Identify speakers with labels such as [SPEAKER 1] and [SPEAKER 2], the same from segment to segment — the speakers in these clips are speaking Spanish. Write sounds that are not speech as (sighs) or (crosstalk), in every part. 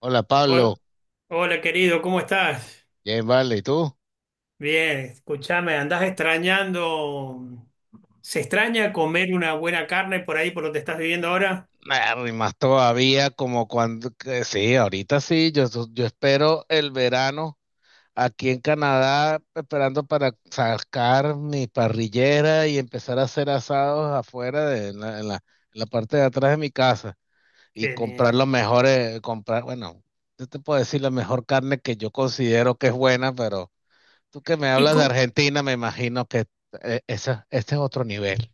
[SPEAKER 1] Hola Pablo,
[SPEAKER 2] Hol- Hola, querido, ¿cómo estás?
[SPEAKER 1] bien vale, ¿y tú?
[SPEAKER 2] Bien, escúchame, andás extrañando. ¿Se extraña comer una buena carne por ahí, por donde estás viviendo ahora?
[SPEAKER 1] Nah, y más todavía como cuando, que sí, ahorita sí, yo, yo espero el verano aquí en Canadá, esperando para sacar mi parrillera y empezar a hacer asados afuera de en la parte de atrás de mi casa y
[SPEAKER 2] Que
[SPEAKER 1] comprar
[SPEAKER 2] le-
[SPEAKER 1] los mejores, comprar, bueno, yo te puedo decir la mejor carne que yo considero que es buena, pero tú que me
[SPEAKER 2] ¿Y
[SPEAKER 1] hablas de
[SPEAKER 2] cómo?
[SPEAKER 1] Argentina, me imagino que esa, este es otro nivel.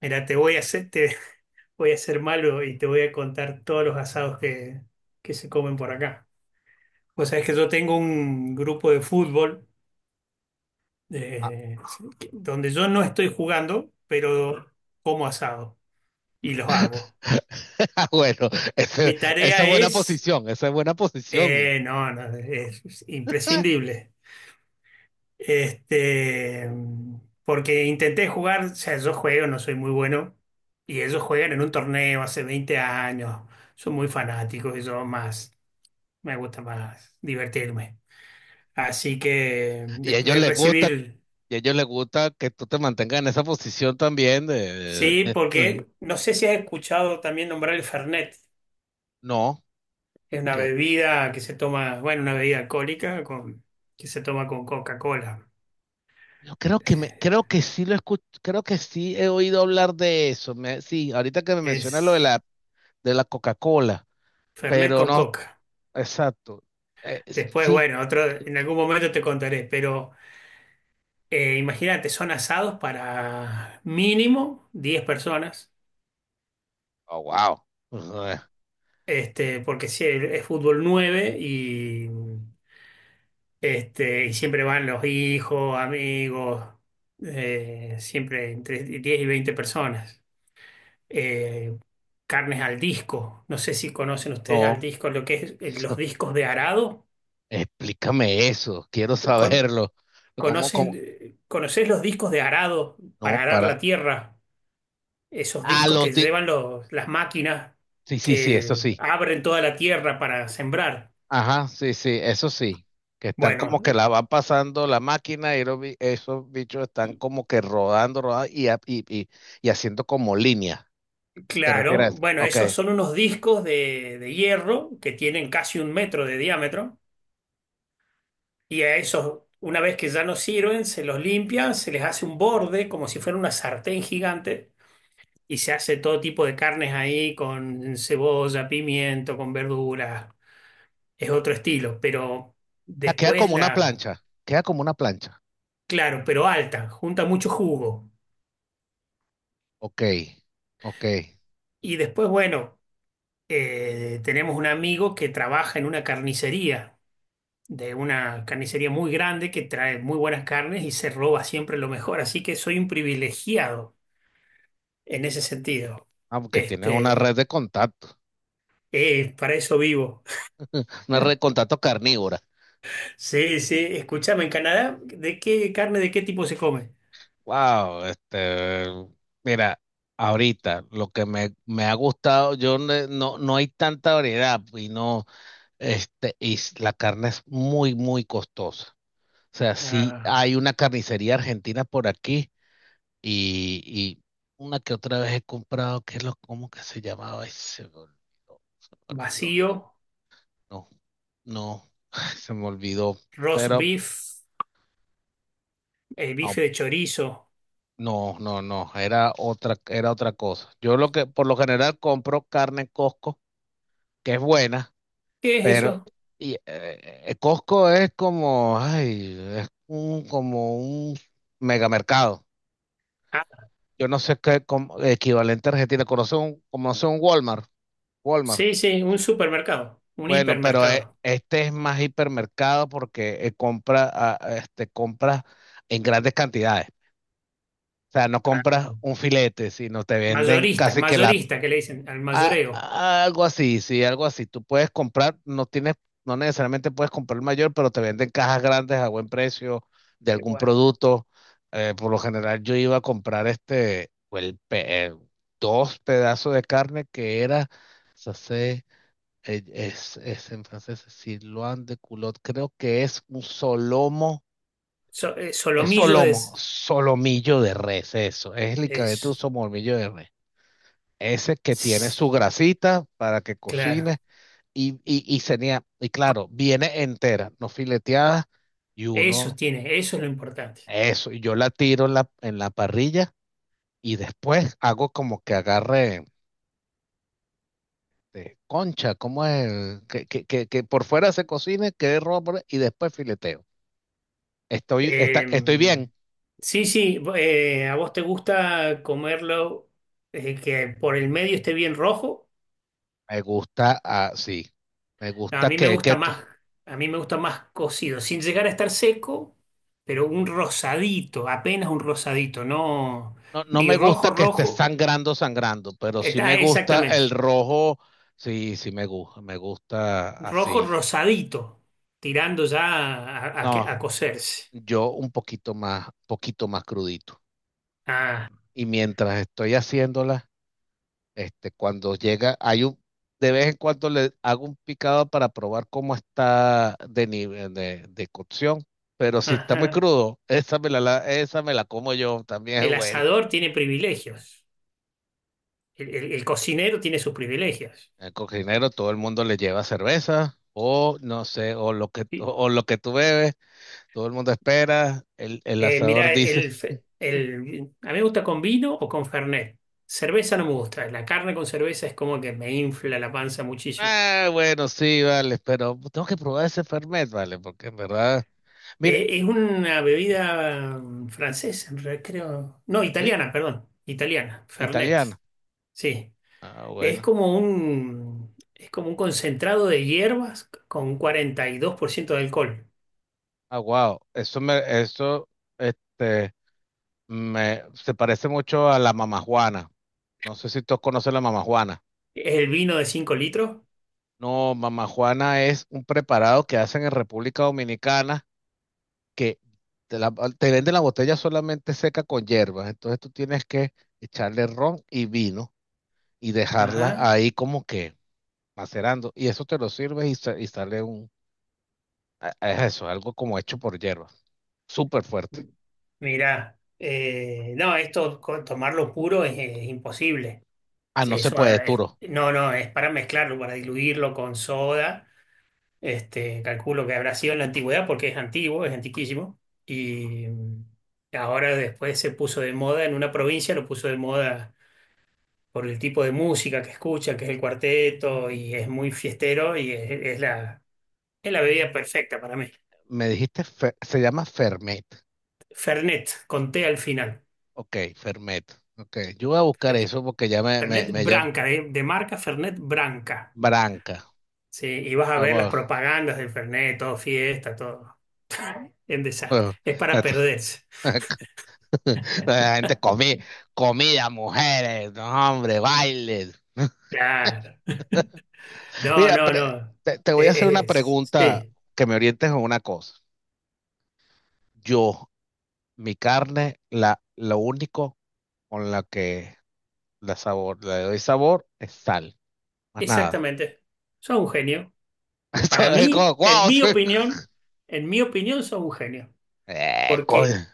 [SPEAKER 2] Mira, te voy a hacer, te (laughs) voy a ser malo y te voy a contar todos los asados que se comen por acá. Vos sabés que yo tengo un grupo de fútbol
[SPEAKER 1] Ah,
[SPEAKER 2] eh, donde yo no estoy jugando, pero como asado y los
[SPEAKER 1] (laughs)
[SPEAKER 2] hago.
[SPEAKER 1] (laughs) Ah, bueno, ese-
[SPEAKER 2] Mi
[SPEAKER 1] esa es
[SPEAKER 2] tarea
[SPEAKER 1] buena
[SPEAKER 2] es.
[SPEAKER 1] posición, esa es buena posición.
[SPEAKER 2] No, no, es imprescindible. Este, porque intenté jugar, o sea, yo juego, no soy muy bueno, y ellos juegan en un torneo hace 20 años, son muy fanáticos y yo más, me gusta más divertirme. Así que
[SPEAKER 1] Y a
[SPEAKER 2] después
[SPEAKER 1] ellos
[SPEAKER 2] de
[SPEAKER 1] les gusta,
[SPEAKER 2] recibir,
[SPEAKER 1] y a ellos les gusta que tú te mantengas en esa posición también de...
[SPEAKER 2] sí,
[SPEAKER 1] (laughs)
[SPEAKER 2] porque no sé si has escuchado también nombrar el Fernet,
[SPEAKER 1] No,
[SPEAKER 2] es una
[SPEAKER 1] que
[SPEAKER 2] bebida que se toma, bueno, una bebida alcohólica con, que se toma con Coca-Cola.
[SPEAKER 1] yo creo que me, creo que sí lo escucho, creo que sí he oído hablar de eso. Sí, ahorita que me mencionas lo
[SPEAKER 2] Es.
[SPEAKER 1] de la Coca-Cola,
[SPEAKER 2] Fernet
[SPEAKER 1] pero
[SPEAKER 2] con
[SPEAKER 1] no,
[SPEAKER 2] coca.
[SPEAKER 1] exacto. eh,
[SPEAKER 2] Después,
[SPEAKER 1] sí,
[SPEAKER 2] bueno, otro, en algún momento te contaré, pero imagínate, son asados para mínimo 10 personas,
[SPEAKER 1] oh, wow. (laughs)
[SPEAKER 2] este, porque si es fútbol 9 y siempre van los hijos, amigos, siempre entre 10 y 20 personas. Eh, carnes al disco, no sé si conocen ustedes al
[SPEAKER 1] No,
[SPEAKER 2] disco, lo que es los discos de arado.
[SPEAKER 1] explícame eso, quiero
[SPEAKER 2] Con,
[SPEAKER 1] saberlo. ¿Cómo, cómo?
[SPEAKER 2] ¿Conoces, conoces los discos de arado
[SPEAKER 1] No,
[SPEAKER 2] para arar
[SPEAKER 1] para.
[SPEAKER 2] la tierra? Esos
[SPEAKER 1] A
[SPEAKER 2] discos
[SPEAKER 1] los,
[SPEAKER 2] que llevan las máquinas
[SPEAKER 1] sí, sí, sí, eso
[SPEAKER 2] que
[SPEAKER 1] sí.
[SPEAKER 2] abren toda la tierra para sembrar.
[SPEAKER 1] Ajá, sí, sí, eso sí. Que están como que
[SPEAKER 2] Bueno,
[SPEAKER 1] la van pasando la máquina y esos bichos están como que rodando, rodando y haciendo como línea. ¿Te refieres a
[SPEAKER 2] claro,
[SPEAKER 1] eso?
[SPEAKER 2] bueno,
[SPEAKER 1] Ok.
[SPEAKER 2] esos son unos discos de hierro que tienen casi 1 metro de diámetro y a esos, una vez que ya no sirven, se los limpia, se les hace un borde como si fuera una sartén gigante y se hace todo tipo de carnes ahí con cebolla, pimiento, con verduras es otro estilo, pero
[SPEAKER 1] Ah, queda
[SPEAKER 2] después
[SPEAKER 1] como una
[SPEAKER 2] la,
[SPEAKER 1] plancha. Queda como una plancha.
[SPEAKER 2] claro, pero alta, junta mucho jugo.
[SPEAKER 1] Ok, ok.
[SPEAKER 2] Y después, bueno, tenemos un amigo que trabaja en una carnicería, de una carnicería muy grande que trae muy buenas carnes y se roba siempre lo mejor, así que soy un privilegiado en ese sentido.
[SPEAKER 1] Ah, porque tienen una red
[SPEAKER 2] Este,
[SPEAKER 1] de contacto.
[SPEAKER 2] para eso vivo.
[SPEAKER 1] (laughs) Una red de
[SPEAKER 2] (laughs)
[SPEAKER 1] contacto carnívora.
[SPEAKER 2] Sí, sí, escúchame, en Canadá, ¿de qué carne, de qué tipo se come?
[SPEAKER 1] Wow, este. Mira, ahorita lo que me ha gustado, yo no no hay tanta variedad y no. Este, la carne es muy, muy costosa. O sea, sí
[SPEAKER 2] Ah,
[SPEAKER 1] hay una carnicería argentina por aquí y una que otra vez he comprado, ¿qué es lo, cómo que se llamaba? Ay, se me olvidó, se me olvidó.
[SPEAKER 2] vacío,
[SPEAKER 1] No, no, (laughs) (sighs) se me olvidó.
[SPEAKER 2] roast
[SPEAKER 1] Pero
[SPEAKER 2] beef. El
[SPEAKER 1] no,
[SPEAKER 2] bife de chorizo.
[SPEAKER 1] no, no, no, era otra cosa. Yo lo que, por lo general compro carne en Costco, que es buena.
[SPEAKER 2] ¿Qué es
[SPEAKER 1] Pero
[SPEAKER 2] eso?
[SPEAKER 1] y, Costco es como, ay, es un, como un megamercado.
[SPEAKER 2] Ah,
[SPEAKER 1] Yo no sé qué como, equivalente a Argentina, conoce un Walmart, Walmart.
[SPEAKER 2] sí, sí, un supermercado, un
[SPEAKER 1] Bueno, pero
[SPEAKER 2] hipermercado.
[SPEAKER 1] este es más hipermercado porque compra, ah, este, compras en grandes cantidades. O sea, no
[SPEAKER 2] Ah,
[SPEAKER 1] compras un filete, sino te venden
[SPEAKER 2] mayorista,
[SPEAKER 1] casi que la
[SPEAKER 2] mayorista que le dicen al mayoreo.
[SPEAKER 1] Algo así, sí, algo así. Tú puedes comprar, no tienes, no necesariamente puedes comprar el mayor, pero te venden cajas grandes a buen precio de
[SPEAKER 2] Qué
[SPEAKER 1] algún
[SPEAKER 2] bueno.
[SPEAKER 1] producto. Por lo general yo iba a comprar este, o el, dos pedazos de carne que era, se hace, es en francés, sirloin de culot, creo que es un solomo, es
[SPEAKER 2] Solomillo
[SPEAKER 1] solomo,
[SPEAKER 2] es,
[SPEAKER 1] solomillo de res, eso, es literalmente un
[SPEAKER 2] es.
[SPEAKER 1] solomillo de res. Ese que tiene su grasita para que cocine
[SPEAKER 2] Claro,
[SPEAKER 1] y tenía, y claro, viene entera, no fileteada, y
[SPEAKER 2] eso
[SPEAKER 1] uno,
[SPEAKER 2] tiene, eso es lo importante.
[SPEAKER 1] eso, y yo la tiro en en la parrilla y después hago como que agarre concha, como es? Que por fuera se cocine, quede roja y después fileteo.
[SPEAKER 2] Eh,
[SPEAKER 1] Estoy bien.
[SPEAKER 2] sí, sí, a vos te gusta comerlo que por el medio esté bien rojo.
[SPEAKER 1] Me gusta así. Me
[SPEAKER 2] A
[SPEAKER 1] gusta
[SPEAKER 2] mí me
[SPEAKER 1] que, que
[SPEAKER 2] gusta
[SPEAKER 1] t-
[SPEAKER 2] más, a mí me gusta más cocido, sin llegar a estar seco, pero un rosadito, apenas un rosadito, no
[SPEAKER 1] No, no
[SPEAKER 2] ni
[SPEAKER 1] me
[SPEAKER 2] rojo
[SPEAKER 1] gusta que esté
[SPEAKER 2] rojo.
[SPEAKER 1] sangrando, sangrando, pero sí me
[SPEAKER 2] Está
[SPEAKER 1] gusta
[SPEAKER 2] exactamente.
[SPEAKER 1] el rojo. Sí, sí me gusta
[SPEAKER 2] Rojo
[SPEAKER 1] así.
[SPEAKER 2] rosadito, tirando ya a a
[SPEAKER 1] No,
[SPEAKER 2] cocerse.
[SPEAKER 1] yo un poquito más crudito.
[SPEAKER 2] Ah,
[SPEAKER 1] Y mientras estoy haciéndola, este, cuando llega, hay un, de vez en cuando le hago un picado para probar cómo está de nivel de cocción. Pero si está muy
[SPEAKER 2] ajá.
[SPEAKER 1] crudo, (laughs) esa me la, esa me la como yo, también (laughs) es
[SPEAKER 2] El
[SPEAKER 1] bueno.
[SPEAKER 2] asador tiene privilegios. El cocinero tiene sus privilegios.
[SPEAKER 1] El cocinero, todo el mundo le lleva cerveza, o no sé, o lo que tú bebes, todo el mundo espera, el asador
[SPEAKER 2] Mirá,
[SPEAKER 1] dice.
[SPEAKER 2] a mí me gusta con vino o con Fernet. Cerveza no me gusta. La carne con cerveza es como que me infla la panza muchísimo.
[SPEAKER 1] Ah, bueno, sí, vale, pero tengo que probar ese Fernet, vale, porque en verdad, mira,
[SPEAKER 2] Es una bebida francesa, en realidad, creo. No,
[SPEAKER 1] ¿sí?
[SPEAKER 2] italiana, perdón. Italiana, Fernet.
[SPEAKER 1] Italiano.
[SPEAKER 2] Sí.
[SPEAKER 1] Ah, bueno.
[SPEAKER 2] Es como un concentrado de hierbas con 42% de alcohol.
[SPEAKER 1] Ah, wow. Eso, este, me, se parece mucho a la mamajuana. No sé si todos conocen la mamajuana.
[SPEAKER 2] Es el vino de 5 litros.
[SPEAKER 1] No, mamajuana es un preparado que hacen en República Dominicana que te, la- te venden la botella solamente seca con hierbas. Entonces tú tienes que echarle ron y vino y dejarla
[SPEAKER 2] Ajá.
[SPEAKER 1] ahí como que macerando. Y eso te lo sirves y sale un, a eso, algo como hecho por hierba, súper fuerte.
[SPEAKER 2] Mirá, no, esto tomarlo puro es imposible.
[SPEAKER 1] Ah, no se
[SPEAKER 2] Eso
[SPEAKER 1] puede, Turo.
[SPEAKER 2] no, no, es para mezclarlo, para diluirlo con soda. Este, calculo que habrá sido en la antigüedad porque es antiguo, es antiquísimo. Y ahora después se puso de moda en una provincia, lo puso de moda por el tipo de música que escucha, que es el cuarteto y es muy fiestero y es la bebida perfecta para mí.
[SPEAKER 1] Me dijiste, se llama Fermet.
[SPEAKER 2] Fernet, con té al final.
[SPEAKER 1] Ok, Fermet. Ok, yo voy a buscar
[SPEAKER 2] Fer-
[SPEAKER 1] eso porque ya
[SPEAKER 2] Fernet
[SPEAKER 1] me llama
[SPEAKER 2] Branca, de marca Fernet Branca.
[SPEAKER 1] Branca.
[SPEAKER 2] Sí, y vas a
[SPEAKER 1] Ah,
[SPEAKER 2] ver las
[SPEAKER 1] bueno.
[SPEAKER 2] propagandas del Fernet, todo fiesta, todo en desastre.
[SPEAKER 1] Bueno,
[SPEAKER 2] Es para
[SPEAKER 1] Esto-
[SPEAKER 2] perderse.
[SPEAKER 1] (laughs) La gente comí, comida, mujeres, no, hombre, bailes.
[SPEAKER 2] Claro. No,
[SPEAKER 1] Mira,
[SPEAKER 2] no, no.
[SPEAKER 1] te voy a hacer una
[SPEAKER 2] Es,
[SPEAKER 1] pregunta
[SPEAKER 2] sí,
[SPEAKER 1] que me orientes en una cosa. Yo, mi carne, la, lo único con la que la sabor, la de doy sabor es sal, más nada.
[SPEAKER 2] exactamente. Son un genio.
[SPEAKER 1] (laughs)
[SPEAKER 2] Para
[SPEAKER 1] Esto es
[SPEAKER 2] mí,
[SPEAKER 1] como,
[SPEAKER 2] en
[SPEAKER 1] wow.
[SPEAKER 2] mi
[SPEAKER 1] Sí.
[SPEAKER 2] opinión, en mi opinión, son un genio.
[SPEAKER 1] Coño.
[SPEAKER 2] Porque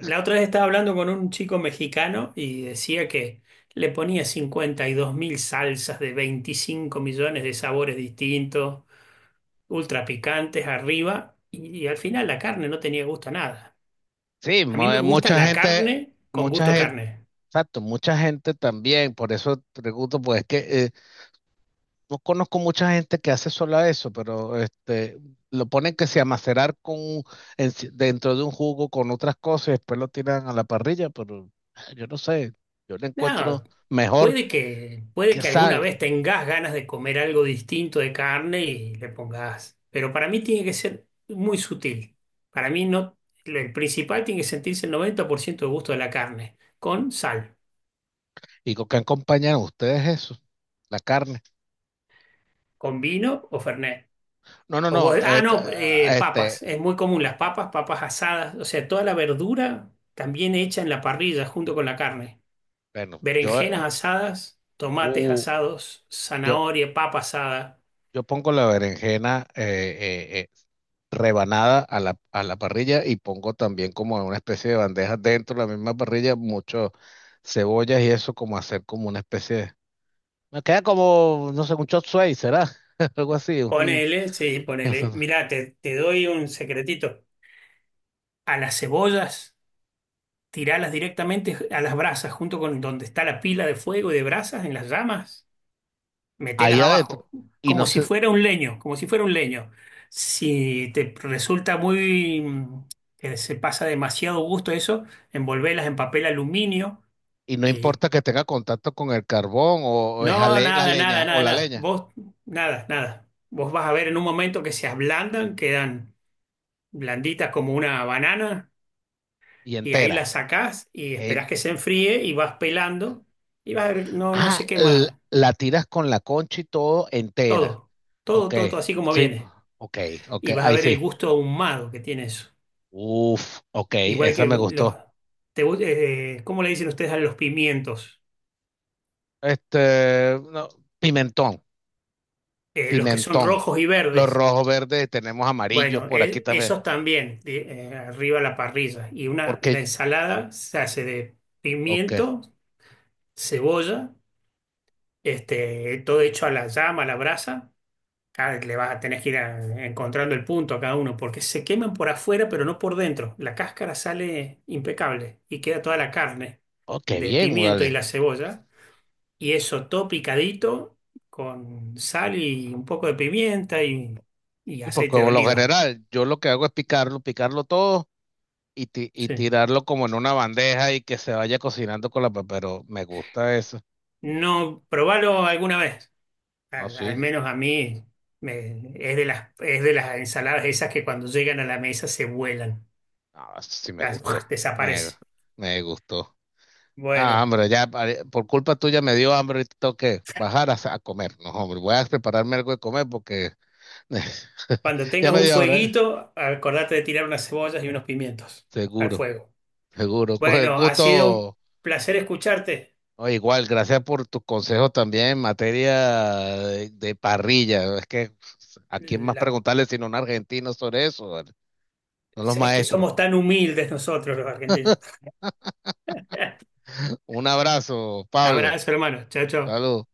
[SPEAKER 2] la otra vez estaba hablando con un chico mexicano y decía que le ponía 52.000 salsas de 25 millones de sabores distintos, ultra picantes arriba, y al final la carne no tenía gusto a nada.
[SPEAKER 1] Sí,
[SPEAKER 2] A mí me gusta la carne con
[SPEAKER 1] mucha
[SPEAKER 2] gusto a
[SPEAKER 1] gente,
[SPEAKER 2] carne.
[SPEAKER 1] exacto, mucha gente también, por eso pregunto, pues es que no conozco mucha gente que hace solo eso, pero este, lo ponen que se a con, en- si, dentro de un jugo con otras cosas y después lo tiran a la parrilla, pero ah, yo no sé, yo le
[SPEAKER 2] No,
[SPEAKER 1] encuentro mejor
[SPEAKER 2] Puede que, puede
[SPEAKER 1] que
[SPEAKER 2] que alguna
[SPEAKER 1] sal.
[SPEAKER 2] vez tengas ganas de comer algo distinto de carne y le pongas, pero para mí tiene que ser muy sutil. Para mí no, el principal tiene que sentirse el 90% de gusto de la carne, con sal,
[SPEAKER 1] ¿Y con qué acompañan ustedes eso? La carne.
[SPEAKER 2] con vino o fernet.
[SPEAKER 1] No, no,
[SPEAKER 2] O
[SPEAKER 1] no.
[SPEAKER 2] vos- ah, no,
[SPEAKER 1] Este,
[SPEAKER 2] papas. Es muy común las papas, papas asadas, o sea, toda la verdura también hecha en la parrilla junto con la carne.
[SPEAKER 1] bueno,
[SPEAKER 2] Berenjenas asadas, tomates
[SPEAKER 1] uh,
[SPEAKER 2] asados,
[SPEAKER 1] yo,
[SPEAKER 2] zanahoria, papa asada.
[SPEAKER 1] yo pongo la berenjena eh, eh, rebanada a a la parrilla y pongo también como en una especie de bandeja dentro de la misma parrilla, mucho cebollas y eso como hacer como una especie de... Me queda como, no sé, un chop suey, ¿será? (laughs) Algo así.
[SPEAKER 2] Ponele, sí, ponele.
[SPEAKER 1] (laughs)
[SPEAKER 2] Mirá, te doy un secretito. A las cebollas, tiralas directamente a las brasas, junto con donde está la pila de fuego y de brasas en las llamas.
[SPEAKER 1] Ahí
[SPEAKER 2] Metelas
[SPEAKER 1] adentro.
[SPEAKER 2] abajo,
[SPEAKER 1] Y no
[SPEAKER 2] como si
[SPEAKER 1] sé,
[SPEAKER 2] fuera un leño, como si fuera un leño. Si te resulta muy, que se pasa demasiado gusto eso, envolvelas en papel aluminio
[SPEAKER 1] y no
[SPEAKER 2] y
[SPEAKER 1] importa que tenga contacto con el carbón o,
[SPEAKER 2] no,
[SPEAKER 1] la
[SPEAKER 2] nada, nada,
[SPEAKER 1] leña o
[SPEAKER 2] nada,
[SPEAKER 1] la
[SPEAKER 2] nada.
[SPEAKER 1] leña
[SPEAKER 2] Vos, nada, nada. Vos vas a ver en un momento que se ablandan, quedan blanditas como una banana.
[SPEAKER 1] y
[SPEAKER 2] Y ahí
[SPEAKER 1] entera.
[SPEAKER 2] la sacás y
[SPEAKER 1] e
[SPEAKER 2] esperás que se enfríe y vas pelando y vas a ver, no, no se
[SPEAKER 1] Ah,
[SPEAKER 2] quema
[SPEAKER 1] la tiras con la concha y todo entera.
[SPEAKER 2] todo, todo,
[SPEAKER 1] Ok,
[SPEAKER 2] todo, todo así como
[SPEAKER 1] sí,
[SPEAKER 2] viene.
[SPEAKER 1] ok, ok,
[SPEAKER 2] Y vas a
[SPEAKER 1] ahí
[SPEAKER 2] ver el
[SPEAKER 1] sí.
[SPEAKER 2] gusto ahumado que tiene eso.
[SPEAKER 1] Uf, ok,
[SPEAKER 2] Igual
[SPEAKER 1] esa
[SPEAKER 2] que
[SPEAKER 1] me
[SPEAKER 2] los,
[SPEAKER 1] gustó.
[SPEAKER 2] ¿cómo le dicen ustedes a los pimientos?
[SPEAKER 1] Este, no, pimentón,
[SPEAKER 2] Los que son
[SPEAKER 1] pimentón.
[SPEAKER 2] rojos y
[SPEAKER 1] Los
[SPEAKER 2] verdes.
[SPEAKER 1] rojos, verdes, tenemos amarillos
[SPEAKER 2] Bueno,
[SPEAKER 1] por aquí también.
[SPEAKER 2] esos también, arriba a la parrilla. Y la
[SPEAKER 1] Porque,
[SPEAKER 2] ensalada se hace de
[SPEAKER 1] ok,
[SPEAKER 2] pimiento, cebolla, este, todo hecho a la llama, a la brasa. Ah, le vas a tener que ir encontrando el punto a cada uno, porque se queman por afuera, pero no por dentro. La cáscara sale impecable y queda toda la carne
[SPEAKER 1] ok,
[SPEAKER 2] del
[SPEAKER 1] bien,
[SPEAKER 2] pimiento y
[SPEAKER 1] vale.
[SPEAKER 2] la cebolla. Y eso todo picadito con sal y un poco de pimienta y
[SPEAKER 1] Sí, porque
[SPEAKER 2] aceite de
[SPEAKER 1] por lo
[SPEAKER 2] oliva.
[SPEAKER 1] general, yo lo que hago es picarlo, picarlo todo y
[SPEAKER 2] Sí.
[SPEAKER 1] tirarlo como en una bandeja y que se vaya cocinando con la... Pero me gusta eso.
[SPEAKER 2] No, probalo alguna vez.
[SPEAKER 1] Ah,
[SPEAKER 2] Al
[SPEAKER 1] sí.
[SPEAKER 2] menos a mí es de las, ensaladas esas que cuando llegan a la mesa se vuelan,
[SPEAKER 1] Ah, eso sí me
[SPEAKER 2] Las- (laughs)
[SPEAKER 1] gustó. Me,
[SPEAKER 2] desaparece.
[SPEAKER 1] me gustó. Ah,
[SPEAKER 2] Bueno.
[SPEAKER 1] hombre, ya por culpa tuya me dio hambre y tengo que bajar a comer. No, hombre, voy a prepararme algo de comer porque
[SPEAKER 2] Cuando
[SPEAKER 1] (laughs) ya
[SPEAKER 2] tengas
[SPEAKER 1] me
[SPEAKER 2] un
[SPEAKER 1] dio hambre. ¿Eh?
[SPEAKER 2] fueguito, acordate de tirar unas cebollas y unos pimientos al
[SPEAKER 1] Seguro,
[SPEAKER 2] fuego.
[SPEAKER 1] seguro. Con el
[SPEAKER 2] Bueno, ha sido un
[SPEAKER 1] gusto.
[SPEAKER 2] placer escucharte.
[SPEAKER 1] Oh, igual, gracias por tus consejos también en materia de parrilla. Es que a quién más
[SPEAKER 2] La-
[SPEAKER 1] preguntarle sino a un argentino sobre eso, ¿vale? Son los
[SPEAKER 2] Es que
[SPEAKER 1] maestros.
[SPEAKER 2] somos tan humildes nosotros los argentinos. (laughs)
[SPEAKER 1] Un abrazo, Pablo.
[SPEAKER 2] Abrazo, hermano. Chao, chao.
[SPEAKER 1] Salud.